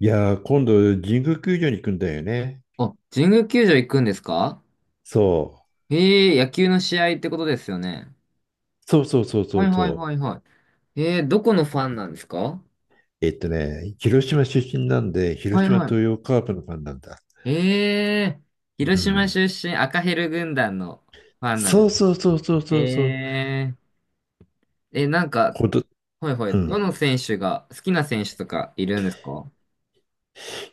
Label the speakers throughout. Speaker 1: いやー、今度、神宮球場に行くんだよね。
Speaker 2: あ、神宮球場行くんですか？
Speaker 1: そう。
Speaker 2: へえ、野球の試合ってことですよね。
Speaker 1: そうそうそうそ
Speaker 2: はい
Speaker 1: う
Speaker 2: は
Speaker 1: そ
Speaker 2: い
Speaker 1: う。
Speaker 2: はいはい。どこのファンなんですか？
Speaker 1: 広島出身なんで、
Speaker 2: は
Speaker 1: 広
Speaker 2: い
Speaker 1: 島
Speaker 2: はい。
Speaker 1: 東洋カープのファンなんだ。
Speaker 2: えー、
Speaker 1: う
Speaker 2: 広島
Speaker 1: ん。
Speaker 2: 出身赤ヘル軍団のファンなん
Speaker 1: そ
Speaker 2: で
Speaker 1: う
Speaker 2: す。
Speaker 1: そうそうそうそうそう。
Speaker 2: えなんか、
Speaker 1: こと、
Speaker 2: はいはい。
Speaker 1: う
Speaker 2: ど
Speaker 1: ん。
Speaker 2: の選手が、好きな選手とかいるんですか？は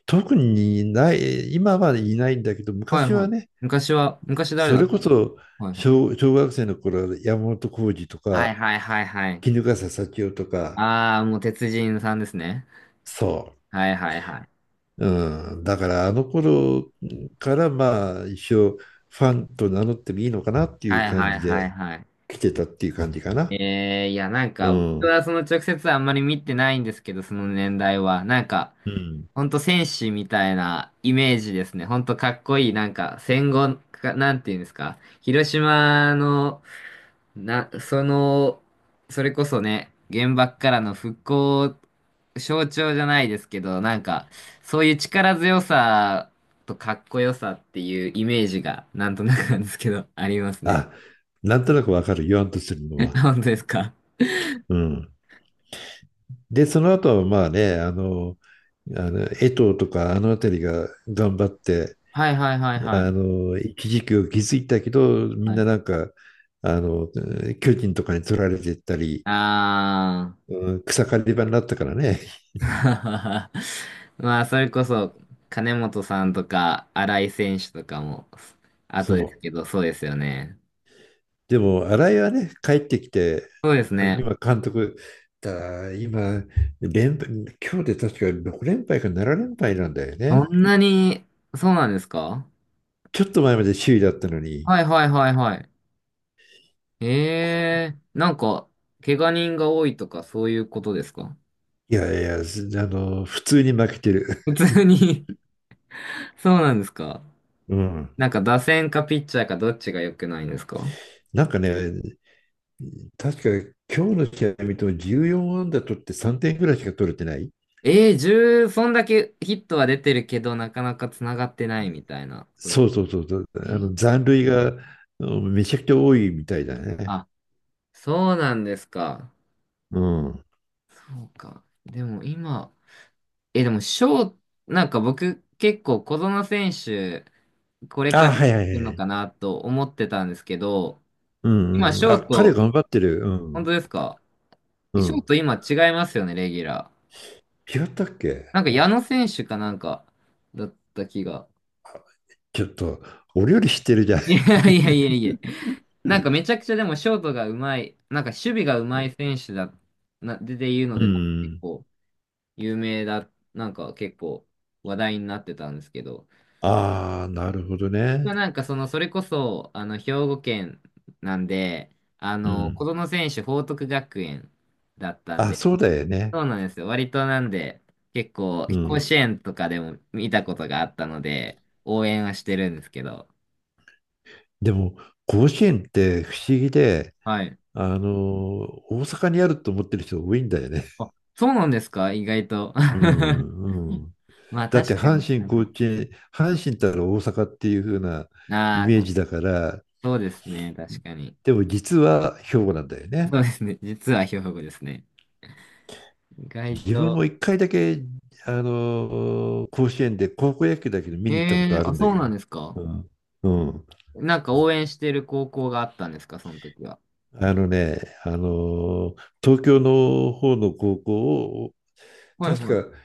Speaker 1: 特にない、今はいないんだけど、
Speaker 2: い
Speaker 1: 昔
Speaker 2: は
Speaker 1: は
Speaker 2: い。
Speaker 1: ね、
Speaker 2: 昔誰
Speaker 1: そ
Speaker 2: だっ
Speaker 1: れこ
Speaker 2: たの？
Speaker 1: そ
Speaker 2: はいはい。
Speaker 1: 小学生の頃、山本浩二と
Speaker 2: はい
Speaker 1: か、
Speaker 2: はいはいはい。
Speaker 1: 衣笠幸男とか、
Speaker 2: あー、もう鉄人さんですね。
Speaker 1: そう。
Speaker 2: はいはいはい。
Speaker 1: うん、だからあの頃からまあ一応ファンと名乗ってもいいのかなっていう
Speaker 2: はい
Speaker 1: 感
Speaker 2: はい
Speaker 1: じ
Speaker 2: はい
Speaker 1: で
Speaker 2: はい。
Speaker 1: 来てたっていう感じかな。
Speaker 2: ええ、いや、なん
Speaker 1: う
Speaker 2: か、僕
Speaker 1: ん。
Speaker 2: はその直接あんまり見てないんですけど、その年代は。なんか、
Speaker 1: うん。
Speaker 2: ほんと戦士みたいなイメージですね。ほんとかっこいい、なんか、戦後か、なんていうんですか。広島の、な、その、それこそね、原爆からの復興象徴じゃないですけど、なんか、そういう力強さとかっこよさっていうイメージが、なんとなくなんですけど、ありますね。
Speaker 1: あ、なんとなくわかる、言わんとするの は。
Speaker 2: 本当ですか？
Speaker 1: うん。で、その後はまあね、あの江藤とかあの辺りが頑張って、
Speaker 2: はいはいはいはい。
Speaker 1: 一時期を築いたけど、みん
Speaker 2: は
Speaker 1: な
Speaker 2: い。
Speaker 1: なんか、あの、巨人とかに取られてったり、
Speaker 2: あ
Speaker 1: うん、草刈り場になったからね。
Speaker 2: あ。まあ、それこそ、金本さんとか、新井選手とかも、
Speaker 1: そ
Speaker 2: 後です
Speaker 1: う。
Speaker 2: けど、そうですよね。
Speaker 1: でも、新井はね、帰ってきて、
Speaker 2: そうです
Speaker 1: あ
Speaker 2: ね。
Speaker 1: 今、監督、今連敗、今日で確か6連敗か7連敗なんだよ
Speaker 2: そ
Speaker 1: ね。
Speaker 2: んなに、そうなんですか？
Speaker 1: ちょっと前まで首位だったのに、
Speaker 2: はいはいはいはい。ええ、なんか、怪我人が多いとか、そういうことですか？
Speaker 1: いやいや、普通に負けてる。
Speaker 2: 普通 に。 そうなんですか？
Speaker 1: うん。
Speaker 2: なんか、打線かピッチャーかどっちが良くないんですか？
Speaker 1: なんかね、確か今日の試合見ても14安ー取って3点ぐらいしか取れてない。
Speaker 2: ええ、10、そんだけヒットは出てるけど、なかなか繋がってないみたいなことで
Speaker 1: そ
Speaker 2: す。
Speaker 1: うそうそうそう。
Speaker 2: え
Speaker 1: あ
Speaker 2: え、
Speaker 1: の残塁がうんめちゃくちゃ多いみたいだね。
Speaker 2: あ、そうなんですか。
Speaker 1: うん。
Speaker 2: そうか。でも今、え、でもなんか僕結構小園選手、これか
Speaker 1: あ、
Speaker 2: ら出
Speaker 1: は
Speaker 2: て
Speaker 1: い
Speaker 2: く
Speaker 1: は
Speaker 2: る
Speaker 1: いは
Speaker 2: の
Speaker 1: い。
Speaker 2: かなと思ってたんですけど、
Speaker 1: う
Speaker 2: 今
Speaker 1: んうん。
Speaker 2: 翔
Speaker 1: あ、彼
Speaker 2: と、
Speaker 1: 頑張ってる。うん。
Speaker 2: 本当ですか？
Speaker 1: う
Speaker 2: え、翔
Speaker 1: ん。
Speaker 2: と今違いますよね、レギュラー。
Speaker 1: 違ったっけ？
Speaker 2: なんか矢野選手かなんか、だった気が。
Speaker 1: ちょっと、俺より知ってるじゃん。
Speaker 2: いやいやいやいや。なんかめちゃくちゃでもショートがうまい、なんか守備がうまい選手だ、な、で言うの
Speaker 1: う
Speaker 2: で、なんか結
Speaker 1: ん。
Speaker 2: 構、有名だ、なんか結構話題になってたんですけど、
Speaker 1: ああ、なるほどね。
Speaker 2: まあ、なんかその、それこそ、あの、兵庫県なんで、あ
Speaker 1: うん。
Speaker 2: の、子
Speaker 1: ん。
Speaker 2: 供選手報徳学園だったん
Speaker 1: あ、
Speaker 2: で、
Speaker 1: そうだよね。
Speaker 2: そうなんですよ。割となんで、結構、
Speaker 1: う
Speaker 2: 甲
Speaker 1: ん。
Speaker 2: 子園とかでも見たことがあったので、応援はしてるんですけど、
Speaker 1: でも、甲子園って不思議で、
Speaker 2: はい。
Speaker 1: あの、大阪にあると思ってる人多いんだよね。
Speaker 2: あ、そうなんですか意外と。
Speaker 1: うん、うん。
Speaker 2: まあ
Speaker 1: だって、
Speaker 2: 確か
Speaker 1: 阪
Speaker 2: に。
Speaker 1: 神、甲子園、阪神ったら大阪っていう風なイ
Speaker 2: あ
Speaker 1: メ
Speaker 2: あ
Speaker 1: ー
Speaker 2: ー、
Speaker 1: ジだから、
Speaker 2: そうですね。確かに。
Speaker 1: でも実は兵庫なんだよね。
Speaker 2: そうですね。実は兵庫ですね。意外
Speaker 1: 自分も
Speaker 2: と。
Speaker 1: 一回だけ、甲子園で高校野球だけど見に行ったこ
Speaker 2: え
Speaker 1: と
Speaker 2: え、
Speaker 1: ある
Speaker 2: あ、
Speaker 1: んだ
Speaker 2: そう
Speaker 1: け
Speaker 2: なんですか。
Speaker 1: ど。うん。うん。
Speaker 2: なんか応援してる高校があったんですか、その時は。
Speaker 1: あのね、あのー東京の方の高校を、
Speaker 2: はい
Speaker 1: 確
Speaker 2: はい。
Speaker 1: か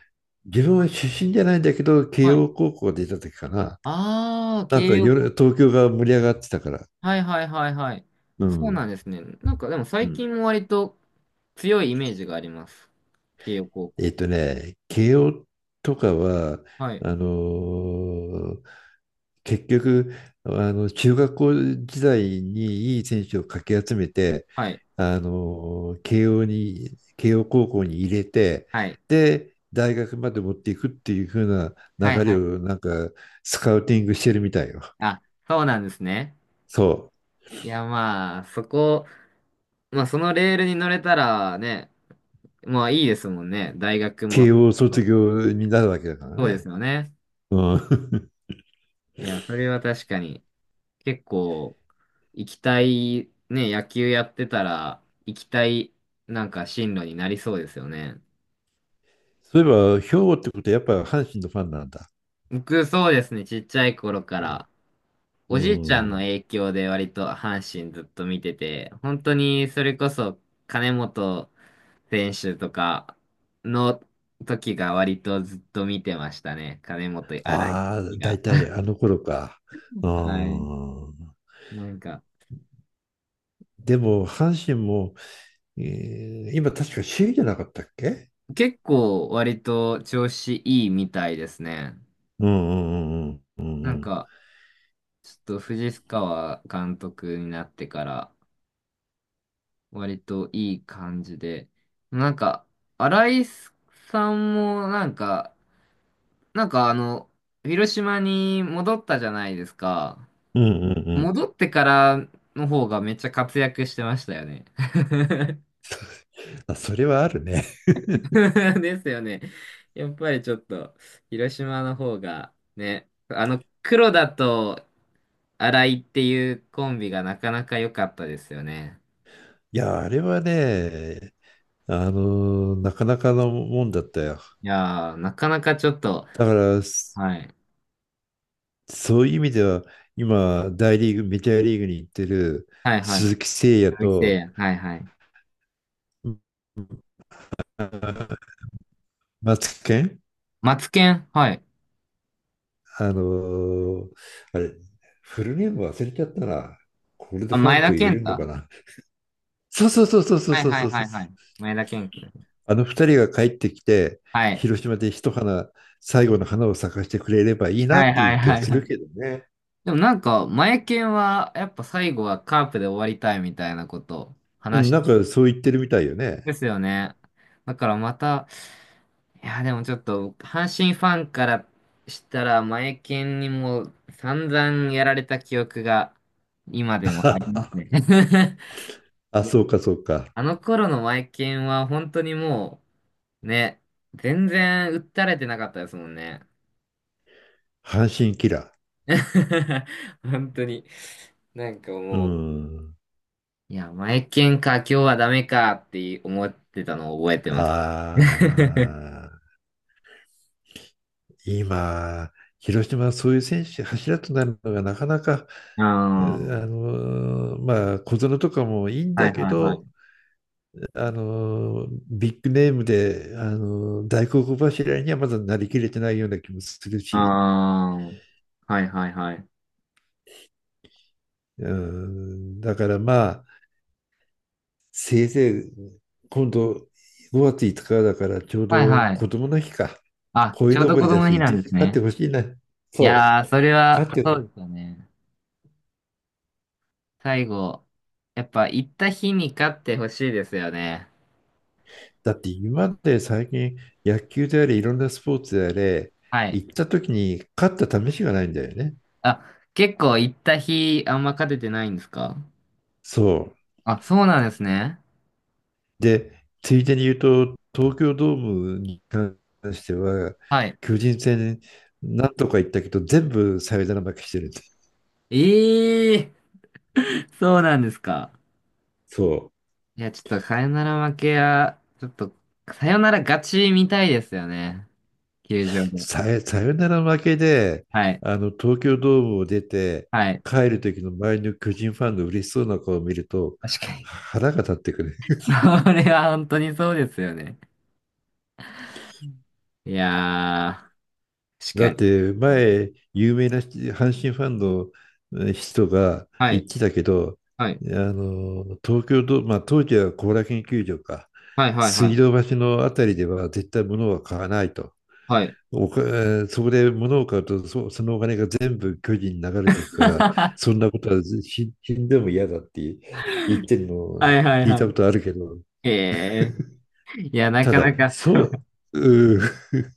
Speaker 1: 自分は出身じゃないんだけど、慶
Speaker 2: はい。
Speaker 1: 応高校が出た時かな。
Speaker 2: ああ、
Speaker 1: なんか
Speaker 2: 慶応
Speaker 1: 夜
Speaker 2: 高。
Speaker 1: 東京が盛り上がってたから。
Speaker 2: はいはいはいはい。
Speaker 1: う
Speaker 2: そう
Speaker 1: ん。
Speaker 2: なんですね。なんかでも
Speaker 1: う
Speaker 2: 最
Speaker 1: ん。
Speaker 2: 近も割と強いイメージがあります。慶応高校。
Speaker 1: 慶応とかは、
Speaker 2: はい。
Speaker 1: あのー結局、中学校時代にいい選手をかき集めて、
Speaker 2: はい。
Speaker 1: 慶応に、慶応高校に入れて、
Speaker 2: はい。
Speaker 1: で、大学まで持っていくっていう風な
Speaker 2: はい
Speaker 1: 流
Speaker 2: は
Speaker 1: れ
Speaker 2: い。
Speaker 1: を、なんか、スカウティングしてるみたいよ。
Speaker 2: あ、そうなんですね。
Speaker 1: そう。
Speaker 2: いやまあ、そこ、まあそのレールに乗れたらね、まあいいですもんね。大学
Speaker 1: 慶
Speaker 2: も。
Speaker 1: 応
Speaker 2: そ
Speaker 1: 卒
Speaker 2: う
Speaker 1: 業になるわけだから
Speaker 2: そうで
Speaker 1: ね。
Speaker 2: すよね。
Speaker 1: うん。
Speaker 2: いや、それは確かに結構、行きたい、ね、野球やってたら、行きたい、なんか進路になりそうですよね。
Speaker 1: そういえば、兵庫ってことはやっぱ阪神のファンなんだ。
Speaker 2: 僕、そうですね、ちっちゃい頃か
Speaker 1: うん。
Speaker 2: ら、
Speaker 1: う
Speaker 2: おじいちゃんの
Speaker 1: ん。
Speaker 2: 影響で割と阪神ずっと見てて、本当にそれこそ金本選手とかの時が割とずっと見てましたね。金本荒い
Speaker 1: ああ、
Speaker 2: 時
Speaker 1: 大
Speaker 2: が。
Speaker 1: 体あの頃か。う
Speaker 2: はい。
Speaker 1: ん。
Speaker 2: なんか、
Speaker 1: でも、阪神も、今確か首位じゃなかったっけ？
Speaker 2: 結構割と調子いいみたいですね。
Speaker 1: うんうんうんう
Speaker 2: なん
Speaker 1: ん
Speaker 2: か、ちょっと藤川監督になってから割といい感じで、なんか、新井さんもなんか、なんかあの、広島に戻ったじゃないですか。
Speaker 1: うんうんうんうんうん。
Speaker 2: 戻ってからの方がめっちゃ活躍してましたよね。
Speaker 1: あ、それはあるね。
Speaker 2: ですよね。やっぱりちょっと、広島の方がね、あの、黒田と新井っていうコンビがなかなか良かったですよね。
Speaker 1: いや、あれはね、なかなかのもんだったよ。
Speaker 2: いやー、なかなかちょっと、
Speaker 1: だから、
Speaker 2: はい。
Speaker 1: そういう意味では、今、大リーグ、メジャーリーグに行ってる
Speaker 2: はいはい。
Speaker 1: 鈴木誠也
Speaker 2: 鈴木誠也、
Speaker 1: と、
Speaker 2: はいはい。
Speaker 1: ま松健
Speaker 2: マツケン、はい。
Speaker 1: あのーあれ、フルネーム忘れちゃったな。これで
Speaker 2: あ、
Speaker 1: ファ
Speaker 2: 前
Speaker 1: ンと
Speaker 2: 田
Speaker 1: 言え
Speaker 2: 健
Speaker 1: るのか
Speaker 2: 太。
Speaker 1: な。そうそうそうそうそう
Speaker 2: はい
Speaker 1: そう
Speaker 2: は
Speaker 1: そ
Speaker 2: い
Speaker 1: う
Speaker 2: は
Speaker 1: そう。
Speaker 2: いはい。前田健君。
Speaker 1: あの二人が帰ってきて、
Speaker 2: はい。
Speaker 1: 広島で一花、最後の花を咲かせてくれればいいな
Speaker 2: は
Speaker 1: っ
Speaker 2: い
Speaker 1: て
Speaker 2: は
Speaker 1: い
Speaker 2: い
Speaker 1: う気が
Speaker 2: はい
Speaker 1: す
Speaker 2: は
Speaker 1: る
Speaker 2: い。
Speaker 1: けどね。
Speaker 2: でもなんか、前健は、やっぱ最後はカープで終わりたいみたいなこと
Speaker 1: う
Speaker 2: 話
Speaker 1: ん、
Speaker 2: し
Speaker 1: なん
Speaker 2: てる
Speaker 1: かそう言ってるみたいよ
Speaker 2: んで
Speaker 1: ね。
Speaker 2: すよね。だからまた、いや、でもちょっと、阪神ファンからしたら、前健にも散々やられた記憶が今でもあります ね。
Speaker 1: あ、そうかそうか。
Speaker 2: あの頃のマイケンは本当にもう、ね、全然訴たれてなかったですもんね。
Speaker 1: 阪神キラ
Speaker 2: 本当に。なんか
Speaker 1: ー。う
Speaker 2: もう、
Speaker 1: ん。
Speaker 2: いや、マイケンか、今日はダメかって思ってたのを覚えて
Speaker 1: あ
Speaker 2: ます。
Speaker 1: あ。今、広島はそういう選手、柱となるのがなかなか、
Speaker 2: あ
Speaker 1: う
Speaker 2: あ、は
Speaker 1: あのーまあ、小園とかもいいん
Speaker 2: いは
Speaker 1: だ
Speaker 2: い
Speaker 1: け
Speaker 2: は
Speaker 1: ど、
Speaker 2: い。
Speaker 1: ビッグネームで、大黒柱にはまだなりきれてないような気もする
Speaker 2: あ
Speaker 1: し、
Speaker 2: あ、はいはいはい。
Speaker 1: うん、だからまあ、せいぜい今度5月5日だからちょう
Speaker 2: はい
Speaker 1: ど
Speaker 2: はい。
Speaker 1: 子供の日か、
Speaker 2: あ、ち
Speaker 1: 鯉
Speaker 2: ょう
Speaker 1: の
Speaker 2: ど
Speaker 1: ぼ
Speaker 2: 子
Speaker 1: りだ
Speaker 2: 供の日
Speaker 1: し、
Speaker 2: な
Speaker 1: ぜ
Speaker 2: ん
Speaker 1: ひ
Speaker 2: です
Speaker 1: 勝って
Speaker 2: ね。
Speaker 1: ほしいな。
Speaker 2: い
Speaker 1: そ
Speaker 2: やー、
Speaker 1: う。
Speaker 2: それは、
Speaker 1: 勝っ
Speaker 2: そ
Speaker 1: て、
Speaker 2: うですよね。最後、やっぱ行った日に勝ってほしいですよね。
Speaker 1: だって今まで最近、野球であれいろんなスポーツであれ、
Speaker 2: はい。
Speaker 1: 行った時に勝った試しがないんだよね。
Speaker 2: あ、結構行った日あんま勝ててないんですか？
Speaker 1: そう。
Speaker 2: あ、そうなんですね。
Speaker 1: で、ついでに言うと、東京ドームに関しては
Speaker 2: はい。
Speaker 1: 巨人戦なんとか行ったけど全部サヨナラ負けしてるんです。
Speaker 2: ええー、そうなんですか。
Speaker 1: そう。
Speaker 2: いや、ちょっとさよなら負けは、ちょっと、さよなら勝ちみたいですよね。球場で。
Speaker 1: サヨナラ負けで、
Speaker 2: はい。
Speaker 1: あの東京ドームを出て
Speaker 2: はい。
Speaker 1: 帰る時の周りの巨人ファンの嬉しそうな顔を見ると
Speaker 2: 確かに。
Speaker 1: 腹が立ってくる。
Speaker 2: それは本当にそうですよね。いやー、確
Speaker 1: だっ
Speaker 2: かに。
Speaker 1: て前、有名な人、阪神ファンの人が
Speaker 2: は
Speaker 1: 言っ
Speaker 2: い。
Speaker 1: てたけど、
Speaker 2: はい。
Speaker 1: あの東京ド、まあ、当時は後楽園球場か、
Speaker 2: はい。はい。は
Speaker 1: 水道
Speaker 2: い。
Speaker 1: 橋のあたりでは絶対物は買わないと。
Speaker 2: はい。
Speaker 1: おかえーそこで物を買うと、そのお金が全部巨人に流れていくから、そん なことは死んでも嫌だって言ってるの
Speaker 2: は
Speaker 1: を
Speaker 2: い。はい。
Speaker 1: 聞い
Speaker 2: は
Speaker 1: たこと
Speaker 2: い。
Speaker 1: あるけど、
Speaker 2: ええー。いや、な
Speaker 1: た
Speaker 2: か
Speaker 1: だ、
Speaker 2: なか、
Speaker 1: そう、うー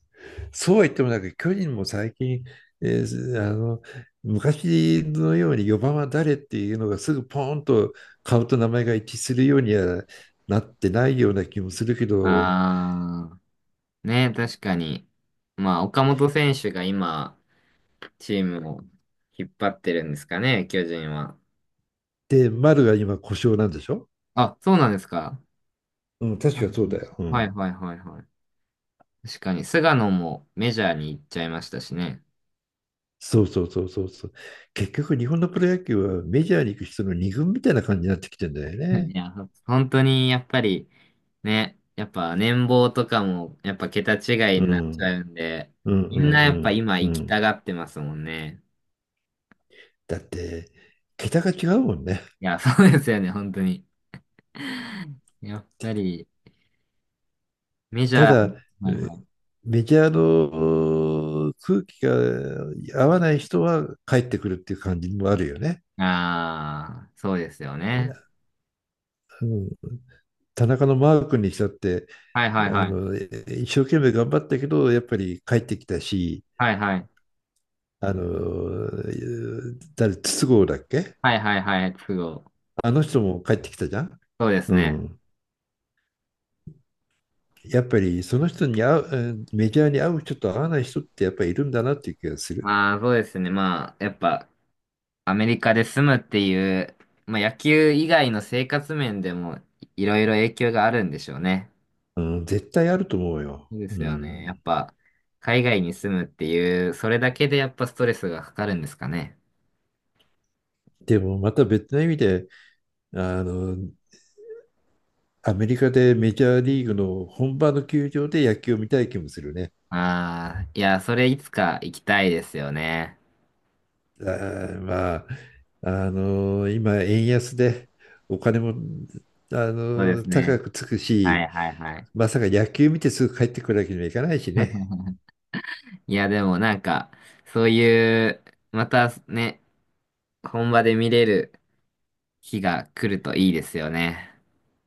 Speaker 1: そうは言ってもなんか巨人も最近、えーあの昔のように4番は誰っていうのがすぐポーンと顔と名前が一致するようにはなってないような気もするけど、
Speaker 2: あー。ね、確かに。まあ、岡本選手が今、チームを引っ張ってるんですかね、巨人は。
Speaker 1: で、丸が今故障なんでしょ
Speaker 2: あ、そうなんですか。
Speaker 1: うん、確かそうだよ。う
Speaker 2: はい
Speaker 1: ん。
Speaker 2: はいはいはい。確かに、菅野もメジャーに行っちゃいましたしね。
Speaker 1: そうそうそうそうそう。結局、日本のプロ野球はメジャーに行く人の二軍みたいな感じになってきてんだよね。
Speaker 2: いや、本当にやっぱり、ね、やっぱ年俸とかも、やっぱ桁違い
Speaker 1: う
Speaker 2: になっちゃ
Speaker 1: ん。
Speaker 2: うんで、
Speaker 1: うんう
Speaker 2: みんなやっぱ
Speaker 1: ん
Speaker 2: 今
Speaker 1: うんう
Speaker 2: 行きた
Speaker 1: ん。
Speaker 2: がってますもんね。
Speaker 1: だって、桁が違うもんね。
Speaker 2: いや、そうですよね、本当に。やっぱり、メジ
Speaker 1: た
Speaker 2: ャー、
Speaker 1: だ、え
Speaker 2: はい
Speaker 1: ー
Speaker 2: はい。
Speaker 1: メディアの空気が合わない人は帰ってくるっていう感じもあるよね。
Speaker 2: ああ、そうですよね。
Speaker 1: うん、田中のマー君にしたって、
Speaker 2: はいはい
Speaker 1: あ
Speaker 2: はい。
Speaker 1: のえ一生懸命頑張ったけど、やっぱり帰ってきたし、
Speaker 2: はいはい。
Speaker 1: あの、誰、筒香だっけ、
Speaker 2: はいはいはい。都合。
Speaker 1: あの人も帰ってきたじゃん。
Speaker 2: そうです
Speaker 1: う
Speaker 2: ね。
Speaker 1: ん、やっぱりその人に合う、うん、メジャーに合う人と合わない人ってやっぱりいるんだなっていう気がする。
Speaker 2: まあそうですね。まあやっぱアメリカで住むっていう、まあ野球以外の生活面でもいろいろ影響があるんでしょうね。
Speaker 1: うん、絶対あると思うよ。
Speaker 2: そうで
Speaker 1: う
Speaker 2: すよね。やっ
Speaker 1: ん、
Speaker 2: ぱ海外に住むっていう、それだけでやっぱストレスがかかるんですかね。
Speaker 1: でもまた別の意味で、あの、アメリカでメジャーリーグの本場の球場で野球を見たい気もするね。
Speaker 2: ああ、いや、それいつか行きたいですよね。
Speaker 1: あーまあ、今、円安でお金も、
Speaker 2: そうです
Speaker 1: 高
Speaker 2: ね。
Speaker 1: くつく
Speaker 2: は
Speaker 1: し、
Speaker 2: いはいはい。
Speaker 1: まさか野球見てすぐ帰ってくるわけにはいかないしね。
Speaker 2: いや、でもなんか、そういう、またね、本場で見れる日が来るといいですよね。